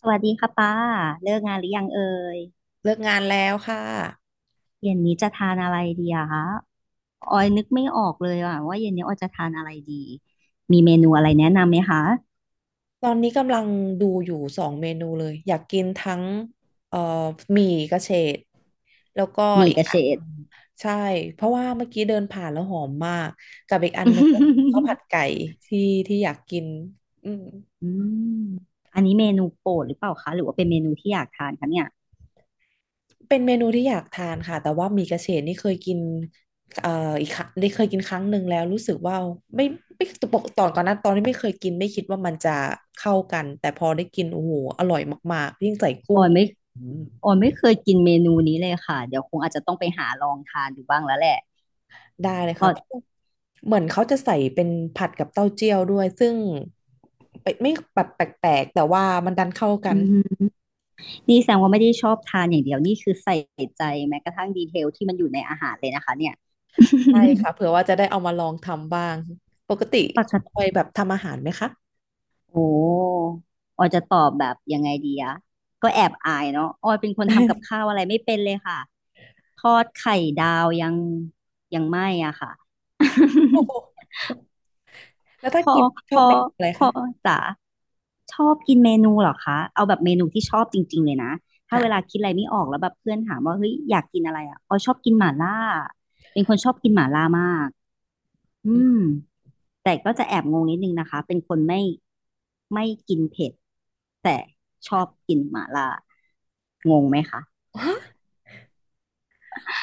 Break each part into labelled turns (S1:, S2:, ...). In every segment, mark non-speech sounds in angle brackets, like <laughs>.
S1: สวัสดีค่ะป้าเลิกงานหรือยังเอ่ย
S2: เลิกงานแล้วค่ะ
S1: เย็นนี้จะทานอะไรดีอะคะออยนึกไม่ออกเลยอะว่าเย็นนี้ออยจะทานอะไรดีมีเมนูอะไรแนะนำไหมคะ
S2: ตอนนี้กำลังดูอยู่สองเมนูเลยอยากกินทั้งเอ่อหมี่กระเฉดแล้วก็
S1: มี
S2: อี
S1: ก
S2: ก
S1: ระ
S2: อั
S1: เฉ
S2: นห
S1: ด
S2: นึ่งใช่เพราะว่าเมื่อกี้เดินผ่านแล้วหอมมากกับอีกอันหนึงก็คือข้าวผั
S1: <laughs>
S2: ดไก่ที่ที่อยากกินอืม
S1: อืมอันนี้เมนูโปรดหรือเปล่าคะหรือว่าเป็นเมนูที่อยากทานคะเนี่ย
S2: เป็นเมนูที่อยากทานค่ะแต่ว่าหมี่กระเฉดนี่เคยกินเอ่ออีกครั้งได้เคยกินครั้งหนึ่งแล้วรู้สึกว่าไม่ไม่ปกตอนก่อนหน้าตอนที่ไม่เคยกินไม่คิดว่ามันจะเข้ากันแต่พอได้กินโอ้โหอร่อยมากๆยิ่งใส่
S1: อ
S2: กุ้ง
S1: อยไม่ออยไม่เคยกินเมนูนี้เลยค่ะเดี๋ยวคงอาจจะต้องไปหาลองทานดูบ้างแล้วแหละ
S2: ได้เลยค่ะเพราะเหมือนเขาจะใส่เป็นผัดกับเต้าเจี้ยวด้วยซึ่งไม่แบบแปลกๆแต่ว่ามันดันเข้ากั
S1: อื
S2: น
S1: มนี่แสดงว่าไม่ได้ชอบทานอย่างเดียวนี่คือใส่ใจแม้กระทั่งดีเทลที่มันอยู่ในอาหารเลยนะคะเนี่ย
S2: ใช่ค่ะเผื่อว่าจะได้เอามาลองทำบ้างปกติ
S1: <laughs> ป
S2: ค
S1: ก
S2: อยแบบทำอาหารไหมคะ
S1: โอ้ออยจะตอบแบบยังไงดีอะก็แอบอายเนาะออยเป็นคนทำกับข้าว
S2: <laughs>
S1: อะไรไม่เป็นเลยค่ะทอดไข่ดาวยังยังไม่อะค่ะ
S2: โอ้โห
S1: <laughs>
S2: แล้วถ้า
S1: พอ
S2: กินช
S1: พ
S2: อบ
S1: อ
S2: เมนูอะไร
S1: พอ
S2: คะ
S1: จ๋าชอบกินเมนูเหรอคะเอาแบบเมนูที่ชอบจริงๆเลยนะถ้าเวลา
S2: ค่ะ
S1: คิดอะไรไม่ออกแล้วแบบเพื่อนถามว่าเฮ้ยอยากกินอะไรอะออยชอบกินหม่าล่าเป็นคนชอบกินหม่าล่ามากอื
S2: อื
S1: ม
S2: ม
S1: แต่ก็จะแอบงงนิดนึงนะคะเป็นคนไม่กินเผ็ดแต่ชอบกินหม่าล่างงไหมคะ
S2: ฮะ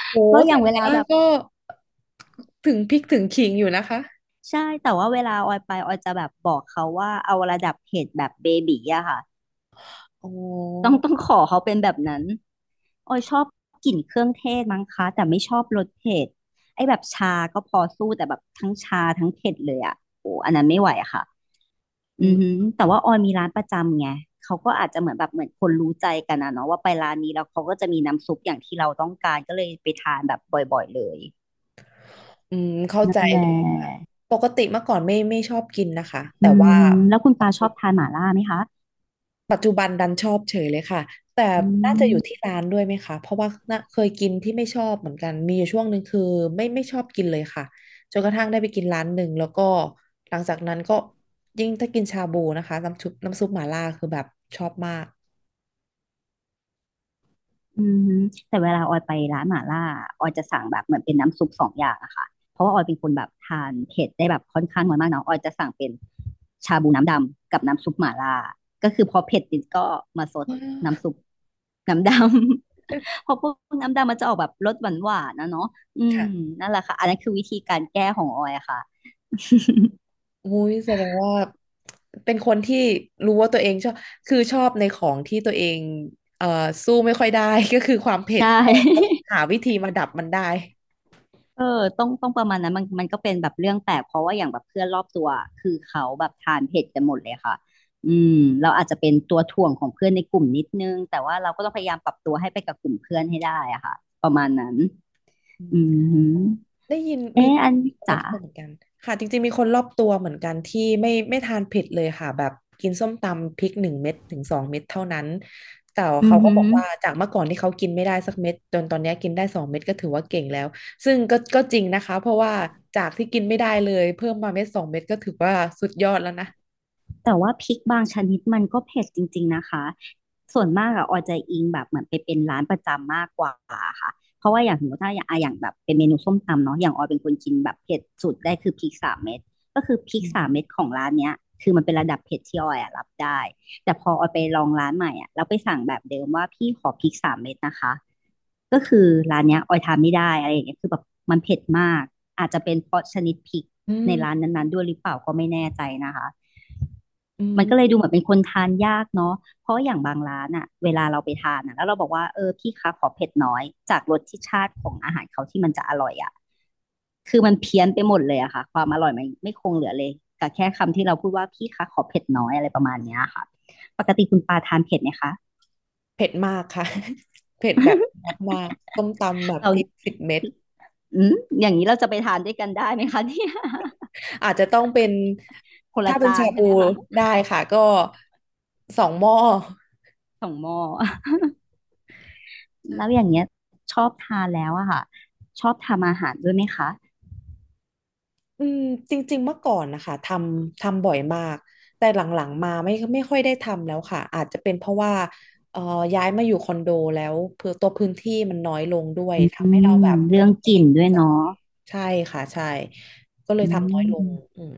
S2: โห
S1: แล้วอ
S2: แต่
S1: ย่าง
S2: ห
S1: เว
S2: มา
S1: ลา
S2: ล่า
S1: แบบ
S2: ก็ถึงพริกถึงขิงอยู่นะคะ
S1: ใช่แต่ว่าเวลาออยไปออยจะแบบบอกเขาว่าเอาระดับเผ็ดแบบเบบี๋อะค่ะ
S2: อ๋อ
S1: ต้องขอเขาเป็นแบบนั้นออยชอบกลิ่นเครื่องเทศมั้งคะแต่ไม่ชอบรสเผ็ดไอ้แบบชาก็พอสู้แต่แบบทั้งชาทั้งเผ็ดเลยอะโอ้อันนั้นไม่ไหวอะค่ะ
S2: อื
S1: อือหื
S2: ม
S1: อแต่ว่าออยมีร้านประจำไง เขาก็อาจจะเหมือนแบบเหมือนคนรู้ใจกันนะเนาะว่าไปร้านนี้แล้วเขาก็จะมีน้ำซุปอย่างที่เราต้องการก็เลยไปทานแบบบ่อยๆเลย
S2: อืมเข้า
S1: นั่
S2: ใจ
S1: นแหละ
S2: เลยค่ะปกติเมื่อก่อนไม่ชอบกินนะคะแต่
S1: อื
S2: ว่า
S1: มแล้วคุณปาชอบทานหม่าล่าไหมคะ
S2: ปัจจุบันดันชอบเฉยเลยค่ะแต่
S1: อื
S2: น่าจะอยู่
S1: ม
S2: ที่ร้านด้วยไหมคะเพราะว่าน่ะเคยกินที่ไม่ชอบเหมือนกันมีอยู่ช่วงหนึ่งคือไม่ชอบกินเลยค่ะจนกระทั่งได้ไปกินร้านหนึ่งแล้วก็หลังจากนั้นก็ยิ่งถ้ากินชาบูนะคะน้ำซุปหม่าล่าคือแบบชอบมาก
S1: อืมฮึแต่เวลาออยไปร้านหม่าล่าออยจะสั่งแบบเหมือนเป็นน้ำซุปสองอย่างอะค่ะเพราะว่าออยเป็นคนแบบทานเผ็ดได้แบบค่อนข้างน้อยมากเนาะออยจะสั่งเป็นชาบูน้ำดำกับน้ำซุปหม่าล่าก็คือพอเผ็ดนิดก็มาซดน้ำซุปน้ำดำ <laughs> เพ
S2: <laughs>
S1: ราะพวกน้ำดำมันจะออกแบบรสหวานหวานนะเนาะอืม
S2: ค่ะ
S1: นั่นแหละค่ะอันนั้นคือวิธีการแก้ของออยอะค่ะ
S2: อุ้ยแสดงว่าเป็นคนที่รู้ว่าตัวเองชอบคือชอบในของที่ตัวเองเอ่อสู้ไม่ค่อยได้ <laughs> ก็คือความ
S1: <laughs>
S2: เผ็ด
S1: ใช่
S2: แต่หาวิธีมาดับมันได้
S1: เออต้องประมาณนั้นมันก็เป็นแบบเรื่องแปลกเพราะว่าอย่างแบบเพื่อนรอบตัวคือเขาแบบทานเผ็ดกันหมดเลยค่ะอืมเราอาจจะเป็นตัวถ่วงของเพื่อนในกลุ่มนิดนึงแต่ว่าเราก็ต้องพยายามปรับตัวให้ไปกับกลุ่มเพื่อนให้ได้อะค่ะประมาณนั้น
S2: อื
S1: อื
S2: ม
S1: ม
S2: ได้ยิน
S1: เอ
S2: มี
S1: ออัน
S2: คนรอ
S1: จ๋า
S2: บตัวเหมือนกันค่ะจริงๆมีคนรอบตัวเหมือนกันที่ไม่ทานเผ็ดเลยค่ะแบบกินส้มตำพริกหนึ่งเม็ดถึงสองเม็ดเท่านั้นแต่
S1: อื
S2: เขา
S1: อ
S2: ก็
S1: หื
S2: บอ
S1: อ
S2: กว่าจากเมื่อก่อนที่เขากินไม่ได้สักเม็ดจนตอนเนี้ยกินได้สองเม็ดก็ถือว่าเก่งแล้วซึ่งก็จริงนะคะเพราะว่าจากที่กินไม่ได้เลยเพิ่มมาเม็ดสองเม็ดก็ถือว่าสุดยอดแล้วนะ
S1: แต่ว่าพริกบางชนิดมันก็เผ็ดจริงๆนะคะส่วนมากอะออยจะอิงแบบเหมือนไปเป็นร้านประจำมากกว่าค่ะเพราะว่าอย่างสมมติถ้าอย่างอะอย่างแบบเป็นเมนูส้มตำเนาะอย่างออยเป็นคนกินแบบเผ็ดสุดได้คือพริกสามเม็ดก็คือพริ
S2: อื
S1: กสาม
S2: ม
S1: เม็ดของร้านเนี้ยคือมันเป็นระดับเผ็ดที่ออยอะรับได้ แต่พอออยไปลองร้านใหม่อะแล้วไปสั่งแบบเดิมว่าพี่ขอพริกสามเม็ดนะคะก็คือร้านเนี้ยออยทานไม่ได้อะไรอย่างเงี้ยคือแบบมันเผ็ดมาก อาจจะเป็นเพราะชนิดพริก
S2: อื
S1: ในร้าน
S2: ม
S1: นั้นๆด้วยหรือเปล่าก็ไม่แน่ใจนะคะ
S2: อื
S1: มันก็เลย
S2: ม
S1: ดูเหมือนเป็นคนทานยากเนาะเพราะอย่างบางร้านอะเวลาเราไปทานอะแล้วเราบอกว่าเออพี่คะขอเผ็ดน้อยจากรสที่ชาติของอาหารเขาที่มันจะอร่อยอะคือมันเพี้ยนไปหมดเลยอะค่ะความอร่อยมันไม่คงเหลือเลยกับแค่คำที่เราพูดว่าพี่คะขอเผ็ดน้อยอะไรประมาณเนี้ยค่ะปกติคุณปาทานเผ็ดไหมคะ
S2: เผ็ดมากค่ะ <laughs> เผ็ดแบบมากๆส้มตำแบบ
S1: เรา
S2: พริกสิบเม็ด
S1: อืมอย่างนี้เราจะไปทานด้วยกันได้ไหมคะ <laughs> เนี่ย
S2: อาจจะต้องเป็น
S1: คน
S2: ถ้า
S1: ละ
S2: เป็น
S1: จา
S2: ชา
S1: นใช่
S2: บู
S1: ไหมคะ
S2: ได้ค่ะก็สองหม้อ
S1: สองหม้อแล้วอย่างเงี้ยชอบทานแล้วอะค่ะชอบทำอาหารด้วยไหมคะ
S2: อืมจริงๆเมื่อก่อนนะคะทำบ่อยมากแต่หลังๆมาไม่ค่อยได้ทำแล้วค่ะอาจจะเป็นเพราะว่าเอ่อย้ายมาอยู่คอนโดแล้วเพื่อตัวพื้นที่มันน้อยลงด้วย
S1: อื
S2: ทำให้เรา
S1: ม
S2: แบบไม่
S1: เรื่อง
S2: ค่
S1: ก
S2: อย
S1: ลิ่นด้วยเนาะ
S2: ใช่ค่ะใช่ก็เลย
S1: อื
S2: ทำน้อยลง
S1: ม
S2: อืม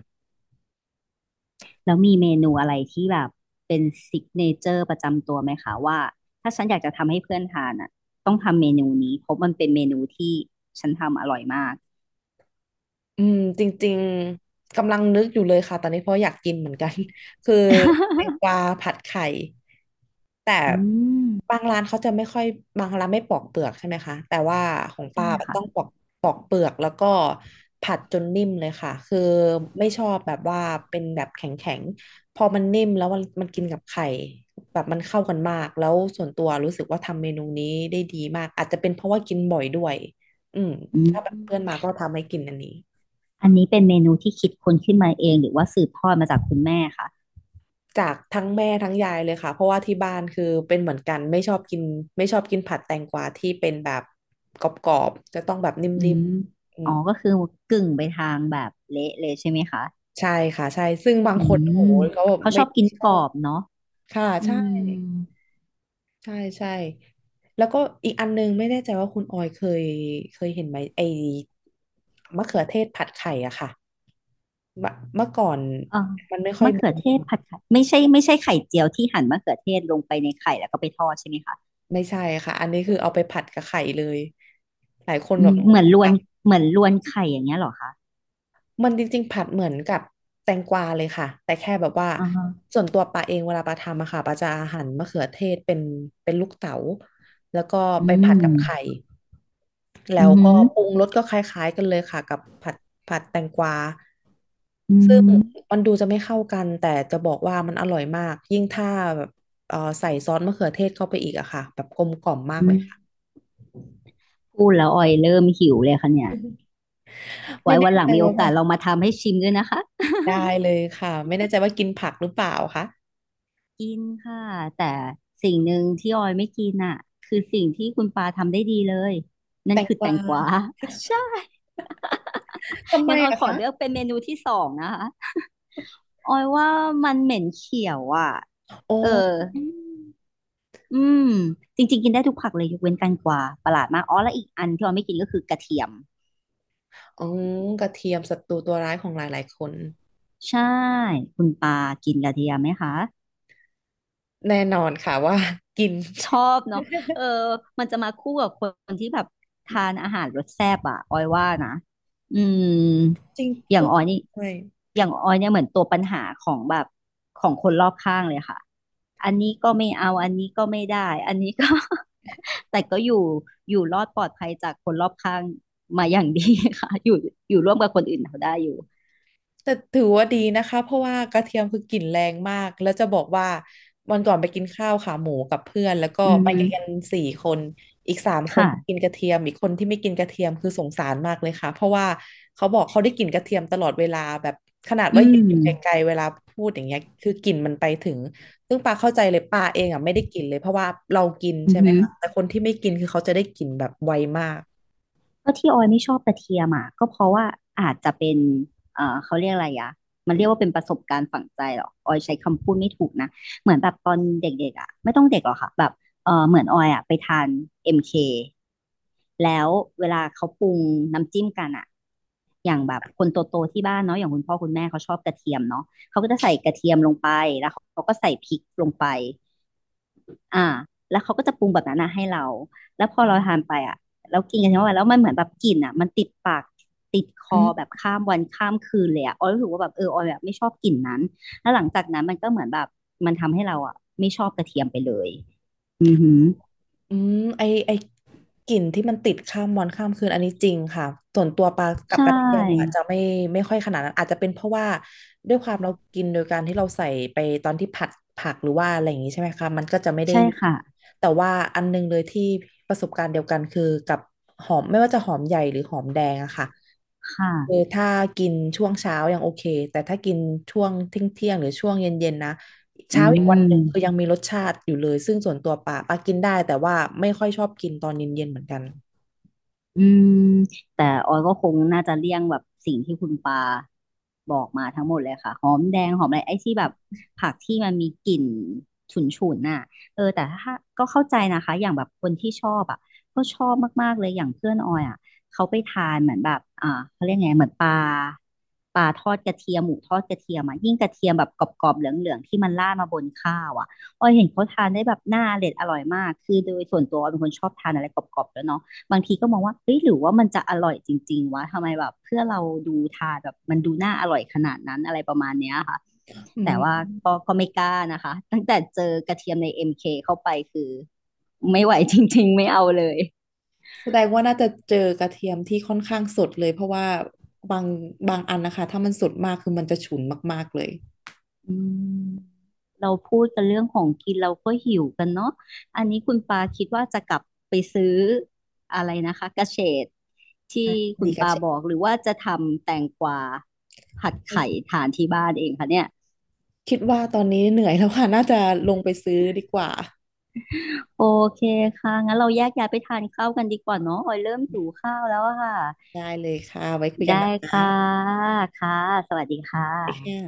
S1: แล้วมีเมนูอะไรที่แบบเป็นซิกเนเจอร์ประจำตัวไหมคะว่าถ้าฉันอยากจะทำให้เพื่อนทานอ่ะต้องทำเมนูนี้เพราะมันเป็นเมนูที่ฉันทำอร่อยมาก
S2: อืมจริงๆกำลังนึกอยู่เลยค่ะตอนนี้เพราะอยากกินเหมือนกัน <laughs> คือแตงกวา
S1: <laughs>
S2: ผัดไข่แต่
S1: อืม
S2: บางร้านเขาจะไม่ค่อยบางร้านไม่ปอกเปลือกใช่ไหมคะแต่ว่าของ
S1: ใช่
S2: ป้า
S1: ค่ะ
S2: ต้องปอกปอกเปลือกแล้วก็ผัดจนนิ่มเลยค่ะคือไม่ชอบแบบว่าเป็นแบบแข็งๆพอมันนิ่มแล้วมันกินกับไข่แบบมันเข้ากันมากแล้วส่วนตัวรู้สึกว่าทำเมนูนี้ได้ดีมากอาจจะเป็นเพราะว่ากินบ่อยด้วยอืม
S1: อื
S2: ถ้าแบบเพื่อนมา
S1: ม
S2: ก็ทำให้กินอันนี้
S1: อันนี้เป็นเมนูที่คิดค้นขึ้นมาเองหรือว่าสืบทอดมาจากคุณแม่คะ
S2: จากทั้งแม่ทั้งยายเลยค่ะเพราะว่าที่บ้านคือเป็นเหมือนกันไม่ชอบกินผัดแตงกวาที่เป็นแบบกรอบๆจะต้องแบบ
S1: อื
S2: นิ่ม
S1: ม
S2: ๆอื
S1: อ๋อ
S2: ม
S1: ก็คือกึ่งไปทางแบบเละเลยใช่ไหมคะ
S2: ใช่ค่ะใช่ซึ่งบาง
S1: อื
S2: คนโอ้
S1: ม
S2: โหเขาแบบ
S1: เขา
S2: ไม่
S1: ชอบกิ
S2: ไม่
S1: น
S2: ช
S1: ก
S2: อ
S1: รอ
S2: บ
S1: บเนาะ
S2: ค่ะ
S1: อื
S2: ใช่
S1: ม
S2: ใช่ใช่แล้วก็อีกอันนึงไม่แน่ใจว่าคุณออยเคยเห็นไหมไอ้มะเขือเทศผัดไข่อะค่ะเมื่อก่อน
S1: เออมะเขือเทศผัดไข่ไม่ใช่ไข่เจียวที่หั่นมะเขือเทศลงไปในไข่แล้วก็ไปทอดใช่ไหมคะ
S2: ไม่ใช่ค่ะอันนี้คือเอาไปผัดกับไข่เลยหลายคน
S1: อื
S2: แบบ
S1: ม
S2: ง
S1: เห
S2: ง
S1: มือนรวนไข่อย่างเงี้ยเหรอคะ
S2: มันจริงๆผัดเหมือนกับแตงกวาเลยค่ะแต่แค่แบบว่า
S1: อ่าฮะ
S2: ส่วนตัวปาเองเวลาปาทำอะค่ะปาจะหั่นมะเขือเทศเป็นลูกเต๋าแล้วก็
S1: อื
S2: ไปผัดกับไข่
S1: ม
S2: แล้
S1: อื
S2: ว
S1: อหื
S2: ก็
S1: อ
S2: ปรุงรสก็คล้ายๆกันเลยค่ะกับผัดแตงกวา
S1: อื
S2: ซึ่ง
S1: ม
S2: มันดูจะไม่เข้ากันแต่จะบอกว่ามันอร่อยมากยิ่งถ้าแบบใส่ซอสมะเขือเทศเข้าไปอีกอะค่ะแบบกลมกล่อมมาก
S1: อื
S2: เล
S1: ม
S2: ยค่ะ
S1: พูดแล้วออยเริ่มหิวเลยค่ะเนี่ย
S2: <laughs> ไม่
S1: ไว้
S2: แน่
S1: วันหลั
S2: ใจ
S1: งมีโอ
S2: ว่าแบ
S1: กาส
S2: บ
S1: เรามาทำให้ชิมด้วยนะคะ
S2: ได้เลยค่ะไม่แน่ใจว่ากินผักหรือเปล่าคะ
S1: <laughs> กินค่ะแต่สิ่งหนึ่งที่ออยไม่กินอ่ะคือสิ่งที่คุณปาทำได้ดีเลยนั่
S2: แต
S1: น
S2: ง
S1: คือ
S2: ก
S1: แต
S2: วา
S1: งกวา <laughs> ใช่
S2: ทำไม
S1: งั้นออย
S2: อะ
S1: ขอเลือก
S2: คะ
S1: เป็นเมนูที่สองนะคะ ออยว่ามันเหม็นเขียวอ่ะ
S2: โอ้
S1: เออ
S2: อืม
S1: อืม จริงๆกินได้ทุกผักเลยยกเว้นแตงกวาประหลาดมาก อ๋อแล้วอีกอันที่ออยไม่กินก็คือกระเทียม
S2: อืมกระเทียมศัตรูตัวร้ายของหลายๆคน
S1: ใช่คุณปากินกระเทียมไหมคะ
S2: แน่นอนค่ะว่า <laughs> กิน
S1: ชอบเนาะเออมันจะมาคู่กับคนที่แบบทานอาหารรสแซ่บอะออยว่านะอืม
S2: <laughs> จริง
S1: อย่าง
S2: อุ๊ย
S1: ออยนี่
S2: ใช่
S1: อย่างออยเนี่ยเหมือนตัวปัญหาของแบบของคนรอบข้างเลยค่ะ อันนี้ก็ไม่เอา อันนี้ก็ไม่ได้ อันนี้ก็ <laughs> แต่ก็อยู่อยู่รอดปลอดภัยจากคนรอบข้างมาอย่างดีค่ะอยู่อยู่ร่วมกับคนอื่นเขาได้อยู่
S2: แต่ถือว่าดีนะคะเพราะว่ากระเทียมคือกลิ่นแรงมากแล้วจะบอกว่าวันก่อนไปกินข้าวขาหมูกับเพื่อนแล้วก็
S1: อือ
S2: ไป
S1: ฮึ
S2: กินกันสี่คนอีกสามคนที่กิ
S1: ค่ะ
S2: นกระเทียมอีกคนที่ไม่กินกระเทียมคือสงสารมากเลยค่ะเพราะว่าเขาบอกเขาได้กลิ่นกระเทียมตลอดเวลาแบบขนาด
S1: อื
S2: ว่ายืน
S1: ม
S2: อยู่ไกลๆเวลาพูดอย่างเงี้ยคือกลิ่นมันไปถึงซึ่งปาเข้าใจเลยปาเองอ่ะไม่ได้กลิ่นเลยเพราะว่าเรากิน
S1: อื
S2: ใช่
S1: อ
S2: ไหม
S1: ฮึ
S2: คะแต่คนที่ไม่กินคือเขาจะได้กลิ่นแบบไวมาก
S1: ก็ที่ออยไม่ชอบกระเทียมอ่ะก็เพราะว่าอาจจะเป็นเขาเรียกอะไรอะมันเรียกว่าเป็นประสบการณ์ฝังใจเหรอออยใช้คำพูดไม่ถูกนะเหมือนแบบตอนเด็กๆอ่ะไม่ต้องเด็กหรอกค่ะแบบเออเหมือนออยอ่ะไปทานเอ็มเคแล้วเวลาเขาปรุงน้ำจิ้มกันอ่ะอย่างแบบคนโตๆที่บ้านเนาะอย่างคุณพ่อคุณแม่เขาชอบกระเทียมเนาะเขาก็จะใส่กระเทียมลงไปแล้วเขาก็ใส่พริกลงไป อ่าแล้วเขาก็จะปรุงแบบนั้นนะให้เราแล้วพอเราทานไปอ่ะแล้วกินกันทั้งวันแล้วมันเหมือนแบบกลิ่นอ่ะมันติดปากติดค
S2: อื
S1: อแบบ
S2: ม
S1: ข้ามวันข้ามคืนเลยอ่ะออยรู้สึกว่าแบบเออออยแบบไม่ชอบกลิ่นนั้นแล้วหลังจากนั้นมันก็เหมือนแบบมันทำให้เราอ่ะไม่ชอบกระเทียมไปเลยอือหือ
S2: อืมไอไอกลิ่นที่มันติดข้ามวันข้ามคืนอันนี้จริงค่ะส่วนตัวปลากั
S1: ใช
S2: บกระเทียมอาจ
S1: ่
S2: จะไม่ค่อยขนาดนั้นอาจจะเป็นเพราะว่าด้วยความเรากินโดยการที่เราใส่ไปตอนที่ผัดผักหรือว่าอะไรอย่างนี้ใช่ไหมคะมันก็จะไม่ได้
S1: ใช่
S2: อยู่
S1: ค่ะ
S2: แต่ว่าอันนึงเลยที่ประสบการณ์เดียวกันคือกับหอมไม่ว่าจะหอมใหญ่หรือหอมแดงอะค่ะ
S1: ค
S2: คือ
S1: ่ะ
S2: ถ้ากินช่วงเช้ายังโอเคแต่ถ้ากินช่วงเที่ยงหรือช่วงเย็นๆนะ
S1: อื
S2: เช้าอีกวันหนึ่งคือ
S1: ม
S2: ยังมีรสชาติอยู่เลยซึ่งส่วนตัวป่ากินได้แต่ว่าไม่ค่อยชอบกินตอนเย็นๆเหมือนกัน
S1: อืมแต่ออยก็คงน่าจะเลี่ยงแบบสิ่งที่คุณปาบอกมาทั้งหมดเลยค่ะหอมแดงหอมอะไรไอ้ที่แบบผักที่มันมีกลิ่นฉุนฉุนน่ะเออแต่ถ้าก็เข้าใจนะคะอย่างแบบคนที่ชอบอ่ะก็ชอบมากๆเลยอย่างเพื่อนออยอ่ะเขาไปทานเหมือนแบบอ่าเขาเรียกไงเหมือนปลาทอดกระเทียมหมูทอดกระเทียมอ่ะยิ่งกระเทียมแบบกรอบๆเหลืองๆที่มันราดมาบนข้าวอ่ะออยเห็นเขาทานได้แบบน่าอร่อยมากคือโดยส่วนตัวออยเป็นคนชอบทานอะไรกรอบๆแล้วยเนาะ บางทีก็มองว่าเฮ้ยหรือว่ามันจะอร่อยจริงๆวะทำไมแบบเพื่อเราดูทานแบบมันดูน่าอร่อยขนาดนั้นอะไรประมาณเนี้ยค่ะ
S2: อื
S1: แต่ว่า
S2: ม
S1: ก็ไม่กล้านะคะตั้งแต่เจอกระเทียมใน MK เคเข้าไปคือไม่ไหวจริงๆไม่เอาเลย
S2: แสดงว่าน่าจะเจอกระเทียมที่ค่อนข้างสดเลยเพราะว่าบางบางอันนะคะถ้ามันสดมากคือมันจะฉุนมากๆเลย
S1: อืมเราพูดกันเรื่องของกินเราก็หิวกันเนาะอันนี้คุณปาคิดว่าจะกลับไปซื้ออะไรนะคะกระเฉดที่
S2: ค่ะ
S1: คุ
S2: ดี
S1: ณ
S2: กระ
S1: ปา
S2: เชฟ
S1: บอกหรือว่าจะทำแตงกวาผัดไข่ทานที่บ้านเองคะเนี่ย
S2: คิดว่าตอนนี้เหนื่อยแล้วค่ะน่าจะลงไปซื้อดีกว่า
S1: โอเคค่ะงั้นเราแยกย้ายไปทานข้าวกันดีกว่าเนาะออยเริ่มหิวข้าวแล้วอะค่ะ
S2: ได้เลยค่ะไว้คุยกั
S1: ได้
S2: นนะ
S1: ค่ะ
S2: คะ
S1: ค่ะสวัสดีค่
S2: ไคค่ะ
S1: ะ